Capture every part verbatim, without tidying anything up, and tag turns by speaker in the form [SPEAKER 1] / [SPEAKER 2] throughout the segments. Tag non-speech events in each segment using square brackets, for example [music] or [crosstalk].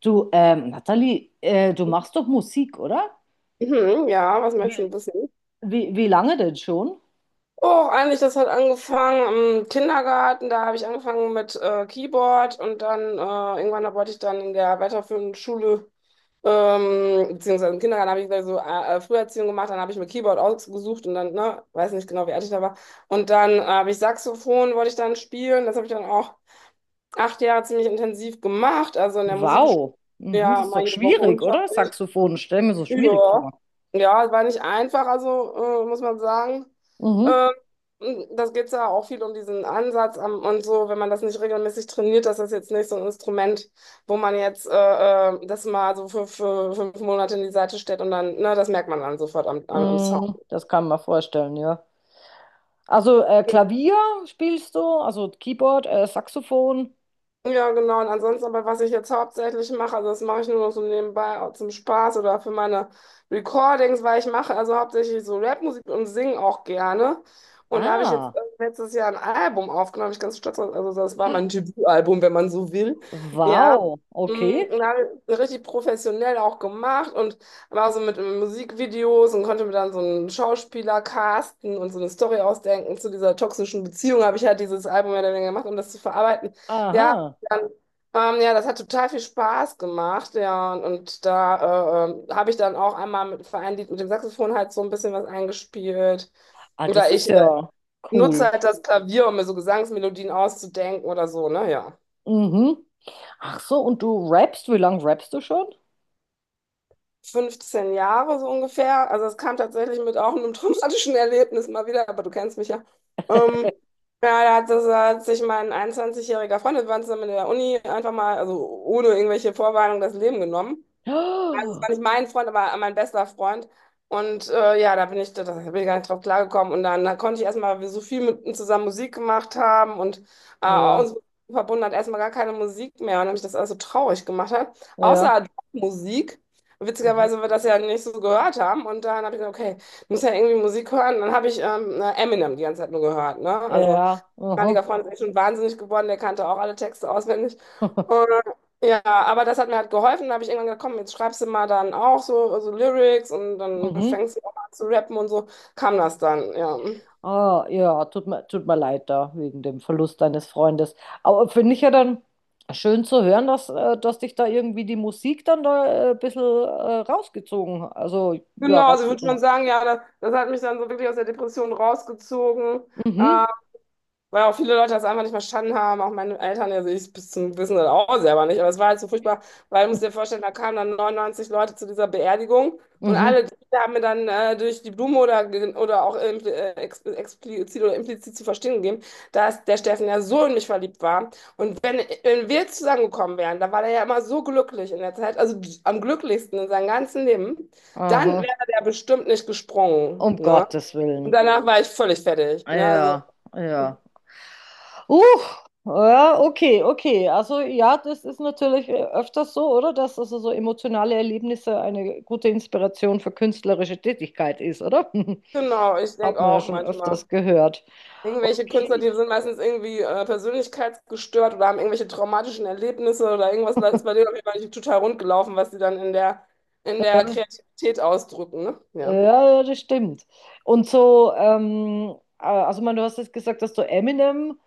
[SPEAKER 1] Du, ähm, Nathalie, äh, du machst doch Musik, oder?
[SPEAKER 2] Mhm, ja, was möchtest du
[SPEAKER 1] Wie,
[SPEAKER 2] wissen?
[SPEAKER 1] wie, wie lange denn schon?
[SPEAKER 2] Oh, eigentlich, das hat angefangen im Kindergarten. Da habe ich angefangen mit äh, Keyboard und dann äh, irgendwann da wollte ich dann in der weiterführenden Schule, ähm, beziehungsweise im Kindergarten habe ich gleich so äh, äh, Früherziehung gemacht. Dann habe ich mir Keyboard ausgesucht und dann, ne, weiß nicht genau, wie alt ich da war. Und dann habe ich Saxophon, wollte ich dann spielen. Das habe ich dann auch acht Jahre ziemlich intensiv gemacht. Also in der Musikschule,
[SPEAKER 1] Wow. Mhm,
[SPEAKER 2] ja,
[SPEAKER 1] das ist
[SPEAKER 2] mal
[SPEAKER 1] doch
[SPEAKER 2] jede Woche
[SPEAKER 1] schwierig, oder?
[SPEAKER 2] Unterricht.
[SPEAKER 1] Saxophon, stell mir so schwierig vor.
[SPEAKER 2] Ja. Ja, es war nicht einfach, also äh, muss man sagen.
[SPEAKER 1] Mhm.
[SPEAKER 2] Ähm, Das geht ja auch viel um diesen Ansatz am, und so, wenn man das nicht regelmäßig trainiert, dass das ist jetzt nicht so ein Instrument, wo man jetzt äh, äh, das mal so für, für fünf Monate in die Seite stellt und dann, ne, das merkt man dann sofort am, am, am Sound.
[SPEAKER 1] Mm, das kann man vorstellen, ja. Also äh, Klavier spielst du, also Keyboard, äh, Saxophon.
[SPEAKER 2] Ja, genau. Und ansonsten, aber was ich jetzt hauptsächlich mache, also das mache ich nur noch so nebenbei auch zum Spaß oder für meine Recordings, weil ich mache also hauptsächlich so Rapmusik und singe auch gerne. Und da habe ich jetzt
[SPEAKER 1] Ah,
[SPEAKER 2] äh, letztes Jahr ein Album aufgenommen, bin ich ganz stolz drauf. Also das war mein Debütalbum, wenn man so will. Ja.
[SPEAKER 1] wow.
[SPEAKER 2] Mm,
[SPEAKER 1] Okay.
[SPEAKER 2] und habe ich richtig professionell auch gemacht und war so mit Musikvideos und konnte mir dann so einen Schauspieler casten und so eine Story ausdenken zu dieser toxischen Beziehung. Habe ich halt dieses Album ja dann gemacht, um das zu verarbeiten. Ja,
[SPEAKER 1] Aha.
[SPEAKER 2] dann, ähm, ja, das hat total viel Spaß gemacht, ja, und, und da äh, ähm, habe ich dann auch einmal mit Vereinlied mit dem Saxophon halt so ein bisschen was eingespielt.
[SPEAKER 1] Ah, das
[SPEAKER 2] Oder
[SPEAKER 1] ist
[SPEAKER 2] ich äh,
[SPEAKER 1] ja cool.
[SPEAKER 2] nutze halt das Klavier, um mir so Gesangsmelodien auszudenken oder so, ne, ja.
[SPEAKER 1] Mhm. Ach so, und du rappst, wie lange rappst du schon?
[SPEAKER 2] fünfzehn Jahre so ungefähr, also es kam tatsächlich mit auch einem [laughs] traumatischen Erlebnis mal wieder, aber du kennst mich ja. Ähm, ja, da hat, das, hat sich mein einundzwanzigjähriger-jähriger Freund, wir waren zusammen in der Uni, einfach mal, also ohne irgendwelche Vorwarnung, das Leben genommen. Also, es war
[SPEAKER 1] [gasps]
[SPEAKER 2] nicht mein Freund, aber mein bester Freund. Und äh, ja, da bin ich, da bin ich gar nicht drauf klargekommen. Und dann da konnte ich erstmal, weil wir so viel mit ihm zusammen Musik gemacht haben und äh,
[SPEAKER 1] Ja,
[SPEAKER 2] uns verbunden hat erstmal gar keine Musik mehr. Und dann mich das alles so traurig gemacht hat.
[SPEAKER 1] ja.
[SPEAKER 2] Außer Musik.
[SPEAKER 1] Aha.
[SPEAKER 2] Witzigerweise, weil wir das ja nicht so gehört haben. Und dann habe ich gedacht, okay, ich muss ja irgendwie Musik hören. Dann habe ich ähm, Eminem die ganze Zeit nur gehört. Ne? Also
[SPEAKER 1] Ja,
[SPEAKER 2] damaliger
[SPEAKER 1] aha.
[SPEAKER 2] Freund ist echt schon wahnsinnig geworden, der kannte auch alle Texte auswendig. Und,
[SPEAKER 1] [laughs]
[SPEAKER 2] ja, aber das hat mir halt geholfen. Da habe ich irgendwann gedacht, komm, jetzt schreibst du mal dann auch so, so Lyrics und dann
[SPEAKER 1] Mhm.
[SPEAKER 2] fängst du auch an zu rappen und so kam das dann, ja.
[SPEAKER 1] Ah, ja, tut mir, tut mir leid da wegen dem Verlust deines Freundes. Aber finde ich ja dann schön zu hören, dass, äh, dass dich da irgendwie die Musik dann da äh, ein bisschen äh, rausgezogen, also ja,
[SPEAKER 2] Genau, also ich würde schon
[SPEAKER 1] rausgezogen.
[SPEAKER 2] sagen, ja, das, das hat mich dann so wirklich aus der Depression rausgezogen.
[SPEAKER 1] Mhm,
[SPEAKER 2] Ähm, Weil auch viele Leute das einfach nicht verstanden haben, auch meine Eltern, also ich bis zum Wissen das auch selber nicht, aber es war halt so furchtbar, weil du musst dir vorstellen, da kamen dann neunundneunzig Leute zu dieser Beerdigung und
[SPEAKER 1] mhm,
[SPEAKER 2] alle die haben mir dann äh, durch die Blume oder, ge- oder auch impl- äh, ex explizit oder implizit zu verstehen gegeben, dass der Steffen ja so in mich verliebt war. Und wenn, wenn wir zusammengekommen wären, da war der ja immer so glücklich in der Zeit, also am glücklichsten in seinem ganzen Leben, dann
[SPEAKER 1] aha,
[SPEAKER 2] wäre der bestimmt nicht gesprungen,
[SPEAKER 1] um
[SPEAKER 2] ne?
[SPEAKER 1] Gottes
[SPEAKER 2] Und
[SPEAKER 1] Willen.
[SPEAKER 2] danach war ich völlig fertig, ne? Also.
[SPEAKER 1] Ja, ja. Uh, ja, okay, okay. Also ja, das ist natürlich äh, öfters so, oder? Dass also so emotionale Erlebnisse eine gute Inspiration für künstlerische Tätigkeit ist, oder?
[SPEAKER 2] Genau, ich
[SPEAKER 1] [laughs] Hat
[SPEAKER 2] denke
[SPEAKER 1] man ja
[SPEAKER 2] auch
[SPEAKER 1] schon
[SPEAKER 2] manchmal.
[SPEAKER 1] öfters gehört.
[SPEAKER 2] Irgendwelche Künstler,
[SPEAKER 1] Okay.
[SPEAKER 2] die sind meistens irgendwie äh, persönlichkeitsgestört oder haben irgendwelche traumatischen Erlebnisse oder irgendwas ist bei denen auf jeden Fall nicht total rund gelaufen, was sie dann in der, in der
[SPEAKER 1] Ja,
[SPEAKER 2] Kreativität ausdrücken, ne?
[SPEAKER 1] ja,
[SPEAKER 2] Ja.
[SPEAKER 1] ja, ja, das stimmt. Und so, ähm, äh, also man, du hast jetzt gesagt, dass du Eminem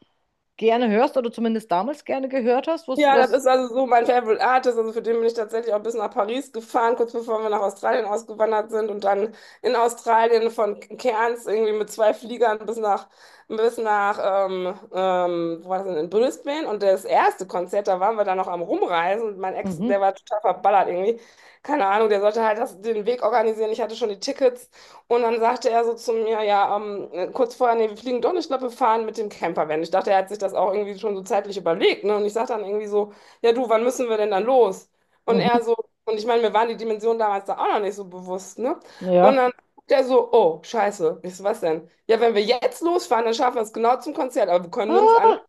[SPEAKER 1] gerne hörst oder zumindest damals gerne gehört hast. Was,
[SPEAKER 2] Ja, das
[SPEAKER 1] was?
[SPEAKER 2] ist also so mein Favorite Artist. Also für den bin ich tatsächlich auch bis nach Paris gefahren, kurz bevor wir nach Australien ausgewandert sind und dann in Australien von Cairns irgendwie mit zwei Fliegern bis nach, bis nach, ähm, ähm, wo war das denn, in Brisbane. Und das erste Konzert, da waren wir dann noch am Rumreisen und mein Ex,
[SPEAKER 1] Mhm,
[SPEAKER 2] der war total verballert irgendwie. Keine Ahnung, der sollte halt das, den Weg organisieren. Ich hatte schon die Tickets. Und dann sagte er so zu mir, ja, ähm, kurz vorher, nee, wir fliegen doch nicht, ich glaube, wir fahren mit dem Campervan. Ich dachte, er hat sich das auch irgendwie schon so zeitlich überlegt, ne? Und ich sagte dann irgendwie so, ja, du, wann müssen wir denn dann los? Und er
[SPEAKER 1] mhm,
[SPEAKER 2] so, und ich meine, mir waren die Dimensionen damals da auch noch nicht so bewusst, ne? Und
[SPEAKER 1] ja.
[SPEAKER 2] dann der so, oh, scheiße. Ich so, was denn? Ja, wenn wir jetzt losfahren, dann schaffen wir es genau zum Konzert, aber wir können nirgends an.
[SPEAKER 1] Ah,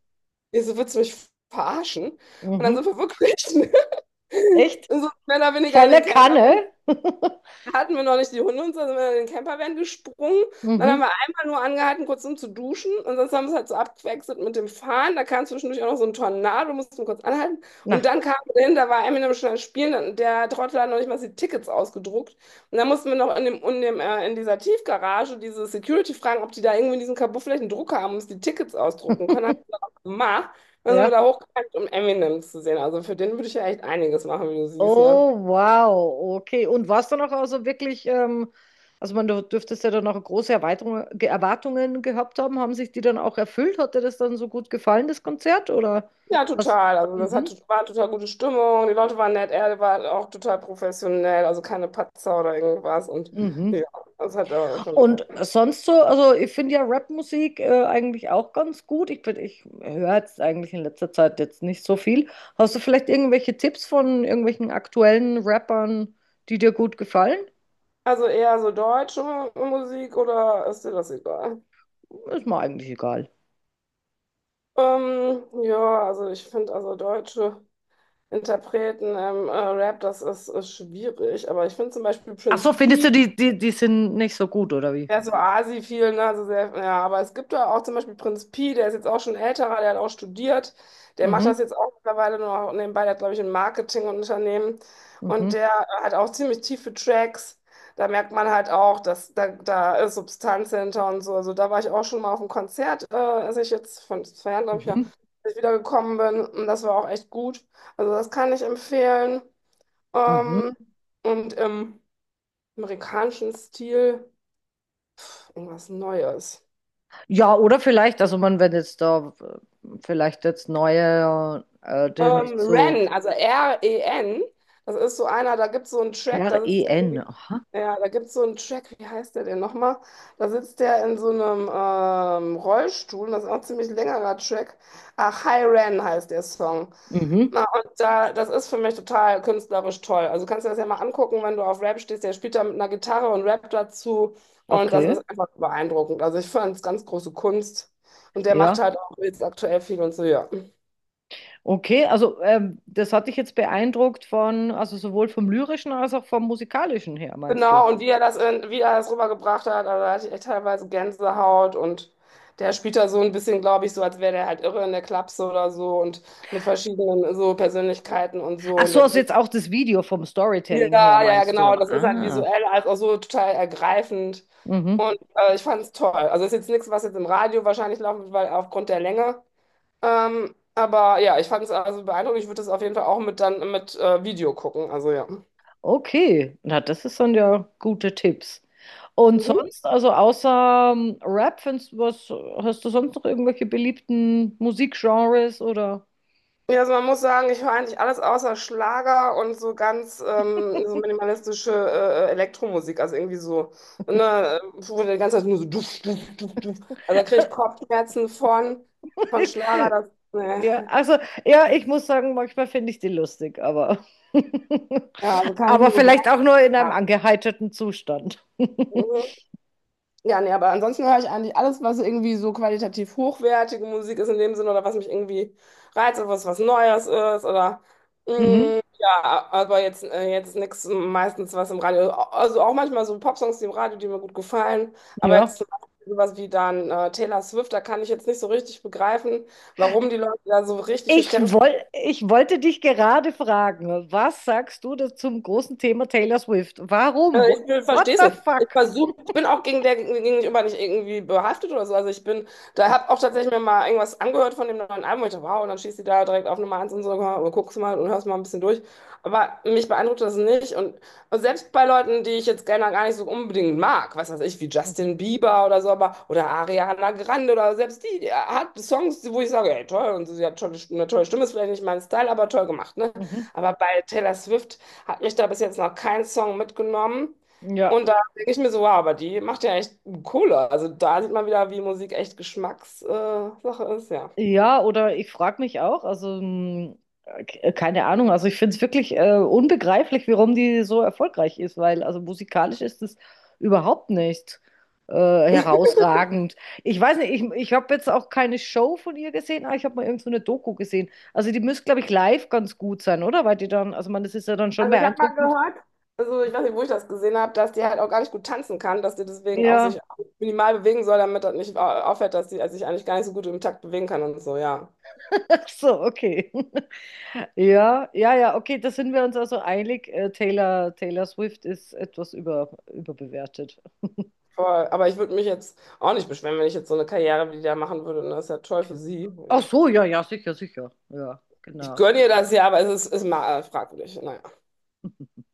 [SPEAKER 2] Ich so, willst du mich verarschen? Und dann
[SPEAKER 1] mhm.
[SPEAKER 2] sind wir wirklich, [laughs]
[SPEAKER 1] Echt?
[SPEAKER 2] so mehr oder weniger in den
[SPEAKER 1] Volle
[SPEAKER 2] Camper
[SPEAKER 1] Kanne? [laughs]
[SPEAKER 2] hatten wir noch nicht die Hunde und so, sind wir in den Campervan gesprungen. Dann haben
[SPEAKER 1] Mhm.
[SPEAKER 2] wir einmal nur angehalten, kurz um zu duschen. Und sonst haben wir es halt so abgewechselt mit dem Fahren. Da kam zwischendurch auch noch so ein Tornado, mussten kurz anhalten. Und
[SPEAKER 1] Na.
[SPEAKER 2] dann kamen wir hin, da war Eminem schon am Spielen. Dann, der Trottel hat noch nicht mal die Tickets ausgedruckt. Und dann mussten wir noch in dem, in dem, äh, in dieser Tiefgarage diese Security fragen, ob die da irgendwie in diesem Kabuff vielleicht einen Drucker haben, um uns die Tickets ausdrucken können. Haben wir auch gemacht. Dann sind wir
[SPEAKER 1] Ja.
[SPEAKER 2] da hochgegangen, um Eminem zu sehen. Also für den würde ich ja echt einiges machen, wie du siehst, ja.
[SPEAKER 1] Oh, wow. Okay. Und war es dann auch also wirklich, ähm, also man, du dürftest ja dann auch große Erweiterung, Ge- Erwartungen gehabt haben. Haben sich die dann auch erfüllt? Hat dir das dann so gut gefallen, das Konzert? Oder
[SPEAKER 2] Ja,
[SPEAKER 1] was?
[SPEAKER 2] total. Also das hatte,
[SPEAKER 1] Mhm.
[SPEAKER 2] war eine total gute Stimmung. Die Leute waren nett, er war auch total professionell, also keine Patzer oder irgendwas. Und
[SPEAKER 1] Mhm.
[SPEAKER 2] ja, das hat er schon.
[SPEAKER 1] Und sonst so, also ich finde ja Rapmusik äh, eigentlich auch ganz gut. Ich, bin- ich höre jetzt eigentlich in letzter Zeit jetzt nicht so viel. Hast du vielleicht irgendwelche Tipps von irgendwelchen aktuellen Rappern, die dir gut gefallen?
[SPEAKER 2] Also eher so deutsche Musik oder ist dir das egal?
[SPEAKER 1] Ist mir eigentlich egal.
[SPEAKER 2] Ähm, ja, also ich finde also deutsche Interpreten im äh, Rap, das ist, ist schwierig. Aber ich finde zum Beispiel
[SPEAKER 1] Ach so,
[SPEAKER 2] Prince
[SPEAKER 1] findest du,
[SPEAKER 2] P.
[SPEAKER 1] die, die, die sind nicht so gut, oder wie?
[SPEAKER 2] Der ist so Asi viel, ne? Also sehr, ja, aber es gibt da auch zum Beispiel Prinz Pi, der ist jetzt auch schon älterer, der hat auch studiert. Der macht das
[SPEAKER 1] Mhm,
[SPEAKER 2] jetzt auch mittlerweile nur noch nebenbei, der hat, glaube ich, ein Marketingunternehmen. Und
[SPEAKER 1] mhm,
[SPEAKER 2] der hat auch ziemlich tiefe Tracks. Da merkt man halt auch, dass da, da ist Substanz hinter und so. Also da war ich auch schon mal auf einem Konzert, äh, als ich jetzt von zwei Jahren, glaube ich, ja,
[SPEAKER 1] mhm,
[SPEAKER 2] als ich wiedergekommen bin. Und das war auch echt gut. Also das kann ich empfehlen. Ähm,
[SPEAKER 1] mhm.
[SPEAKER 2] und im amerikanischen Stil irgendwas Neues.
[SPEAKER 1] Ja, oder vielleicht, also man, wenn jetzt da äh, vielleicht jetzt neue, äh, die nicht
[SPEAKER 2] Ähm,
[SPEAKER 1] so
[SPEAKER 2] Ren, also R-E-N, das ist so einer, da gibt es so einen Track, da sitzt der
[SPEAKER 1] R E N,
[SPEAKER 2] irgendwie,
[SPEAKER 1] aha.
[SPEAKER 2] ja, da gibt es so einen Track, wie heißt der denn nochmal? Da sitzt der in so einem ähm, Rollstuhl, das ist auch ein ziemlich längerer Track. Ach, Hi Ren heißt der Song.
[SPEAKER 1] Mhm,
[SPEAKER 2] Na, und da, das ist für mich total künstlerisch toll. Also kannst du das ja mal angucken, wenn du auf Rap stehst, der spielt da mit einer Gitarre und rappt dazu und das
[SPEAKER 1] okay,
[SPEAKER 2] ist einfach beeindruckend. Also ich fand es ganz große Kunst und der macht
[SPEAKER 1] ja.
[SPEAKER 2] halt auch jetzt aktuell viel und so, ja.
[SPEAKER 1] Okay, also ähm, das hat dich jetzt beeindruckt von, also sowohl vom lyrischen als auch vom musikalischen her, meinst du?
[SPEAKER 2] Genau, und wie er das, in, wie er das rübergebracht hat, also da hatte ich echt teilweise Gänsehaut und der spielt da so ein bisschen, glaube ich, so, als wäre der halt irre in der Klapse oder so und mit verschiedenen so Persönlichkeiten und so.
[SPEAKER 1] Ach
[SPEAKER 2] Und
[SPEAKER 1] so,
[SPEAKER 2] der,
[SPEAKER 1] also jetzt auch das Video vom
[SPEAKER 2] ja,
[SPEAKER 1] Storytelling her,
[SPEAKER 2] ja, ja,
[SPEAKER 1] meinst du?
[SPEAKER 2] genau, das ist halt
[SPEAKER 1] Ah,
[SPEAKER 2] visuell als auch so total ergreifend.
[SPEAKER 1] mhm.
[SPEAKER 2] Und äh, ich fand es toll. Also ist jetzt nichts, was jetzt im Radio wahrscheinlich laufen wird, weil aufgrund der Länge. Ähm, aber ja, ich fand es also beeindruckend. Ich würde das auf jeden Fall auch mit dann mit äh, Video gucken. Also ja.
[SPEAKER 1] Okay, na, das ist dann ja gute Tipps. Und
[SPEAKER 2] Mhm.
[SPEAKER 1] sonst, also außer ähm, Rap, findest du was, hast du sonst noch irgendwelche beliebten Musikgenres oder?
[SPEAKER 2] Ja, also man muss sagen, ich höre eigentlich alles außer Schlager und so ganz ähm, so minimalistische äh, Elektromusik. Also irgendwie so, ne, äh, wo die ganze Zeit nur so duff, duff, duff, duff. Also da kriege ich Kopfschmerzen von, von Schlager. Das,
[SPEAKER 1] [laughs] Ja,
[SPEAKER 2] ne.
[SPEAKER 1] also ja, ich muss sagen, manchmal finde ich die lustig, aber [laughs]
[SPEAKER 2] Ja, also kann ich
[SPEAKER 1] aber
[SPEAKER 2] nur
[SPEAKER 1] vielleicht
[SPEAKER 2] begrenzt
[SPEAKER 1] auch nur in einem angeheiterten Zustand. [laughs]
[SPEAKER 2] haben. Ja, nee, aber ansonsten höre ich eigentlich alles, was irgendwie so qualitativ hochwertige Musik ist in dem Sinne oder was mich irgendwie reizt oder was was Neues ist oder
[SPEAKER 1] Mhm,
[SPEAKER 2] mm, ja, aber jetzt, äh, jetzt nichts meistens was im Radio. Also auch manchmal so Popsongs, die im Radio, die mir gut gefallen. Aber
[SPEAKER 1] ja.
[SPEAKER 2] jetzt zum Beispiel sowas wie dann äh, Taylor Swift, da kann ich jetzt nicht so richtig begreifen, warum die Leute da so richtig
[SPEAKER 1] Ich
[SPEAKER 2] hysterisch.
[SPEAKER 1] woll, ich wollte dich gerade fragen, was sagst du da zum großen Thema Taylor Swift? Warum?
[SPEAKER 2] Äh,
[SPEAKER 1] What,
[SPEAKER 2] Ich
[SPEAKER 1] what
[SPEAKER 2] verstehe es
[SPEAKER 1] the
[SPEAKER 2] nicht. Ich
[SPEAKER 1] fuck?
[SPEAKER 2] versuche, ich bin auch gegen der gegenüber nicht irgendwie behaftet oder so. Also ich bin, da habe auch tatsächlich mir mal irgendwas angehört von dem neuen Album. Ich dachte, wow, und dann schießt die da direkt auf Nummer eins und so, und guckst mal und hörst mal ein bisschen durch. Aber mich beeindruckt das nicht. Und, und selbst bei Leuten, die ich jetzt gerne gar nicht so unbedingt mag, was weiß ich, wie Justin
[SPEAKER 1] [laughs]
[SPEAKER 2] Bieber oder so, aber oder Ariana Grande oder selbst die, die hat Songs, wo ich sage, ey, toll, und sie hat tolle, eine tolle Stimme, ist vielleicht nicht mein Style, aber toll gemacht, ne?
[SPEAKER 1] Mhm.
[SPEAKER 2] Aber bei Taylor Swift. Hat mich da bis jetzt noch kein Song mitgenommen.
[SPEAKER 1] Ja,
[SPEAKER 2] Und da denke ich mir so, wow, aber die macht ja echt Kohle. Also da sieht man wieder, wie Musik echt Geschmackssache äh, Sache ist, ja.
[SPEAKER 1] ja, oder ich frage mich auch, also mh, k- keine Ahnung, also ich finde es wirklich äh, unbegreiflich, warum die so erfolgreich ist, weil also musikalisch ist es überhaupt nicht äh, herausragend. Ich weiß nicht, ich, ich habe jetzt auch keine Show von ihr gesehen, aber ich habe mal irgend so eine Doku gesehen. Also die müsste, glaube ich, live ganz gut sein, oder? Weil die dann, also man, das ist ja dann schon
[SPEAKER 2] Also ich habe mal
[SPEAKER 1] beeindruckend.
[SPEAKER 2] gehört, also ich weiß nicht, wo ich das gesehen habe, dass die halt auch gar nicht gut tanzen kann, dass die deswegen auch
[SPEAKER 1] Ja,
[SPEAKER 2] sich minimal bewegen soll, damit das nicht au- auffällt, dass sie also sich eigentlich gar nicht so gut im Takt bewegen kann und so, ja.
[SPEAKER 1] [laughs] ach so, okay. Ja, ja, ja, okay, da sind wir uns also einig. Äh, Taylor, Taylor Swift ist etwas über, überbewertet.
[SPEAKER 2] Voll. Aber ich würde mich jetzt auch nicht beschweren, wenn ich jetzt so eine Karriere wie die da machen würde. Und das ist ja toll für sie,
[SPEAKER 1] Ach
[SPEAKER 2] ja.
[SPEAKER 1] so, ja, ja, sicher, sicher. Ja,
[SPEAKER 2] Ich
[SPEAKER 1] genau.
[SPEAKER 2] gönne ihr das ja, aber es ist, ist mal äh, fragwürdig. Naja.
[SPEAKER 1] [laughs]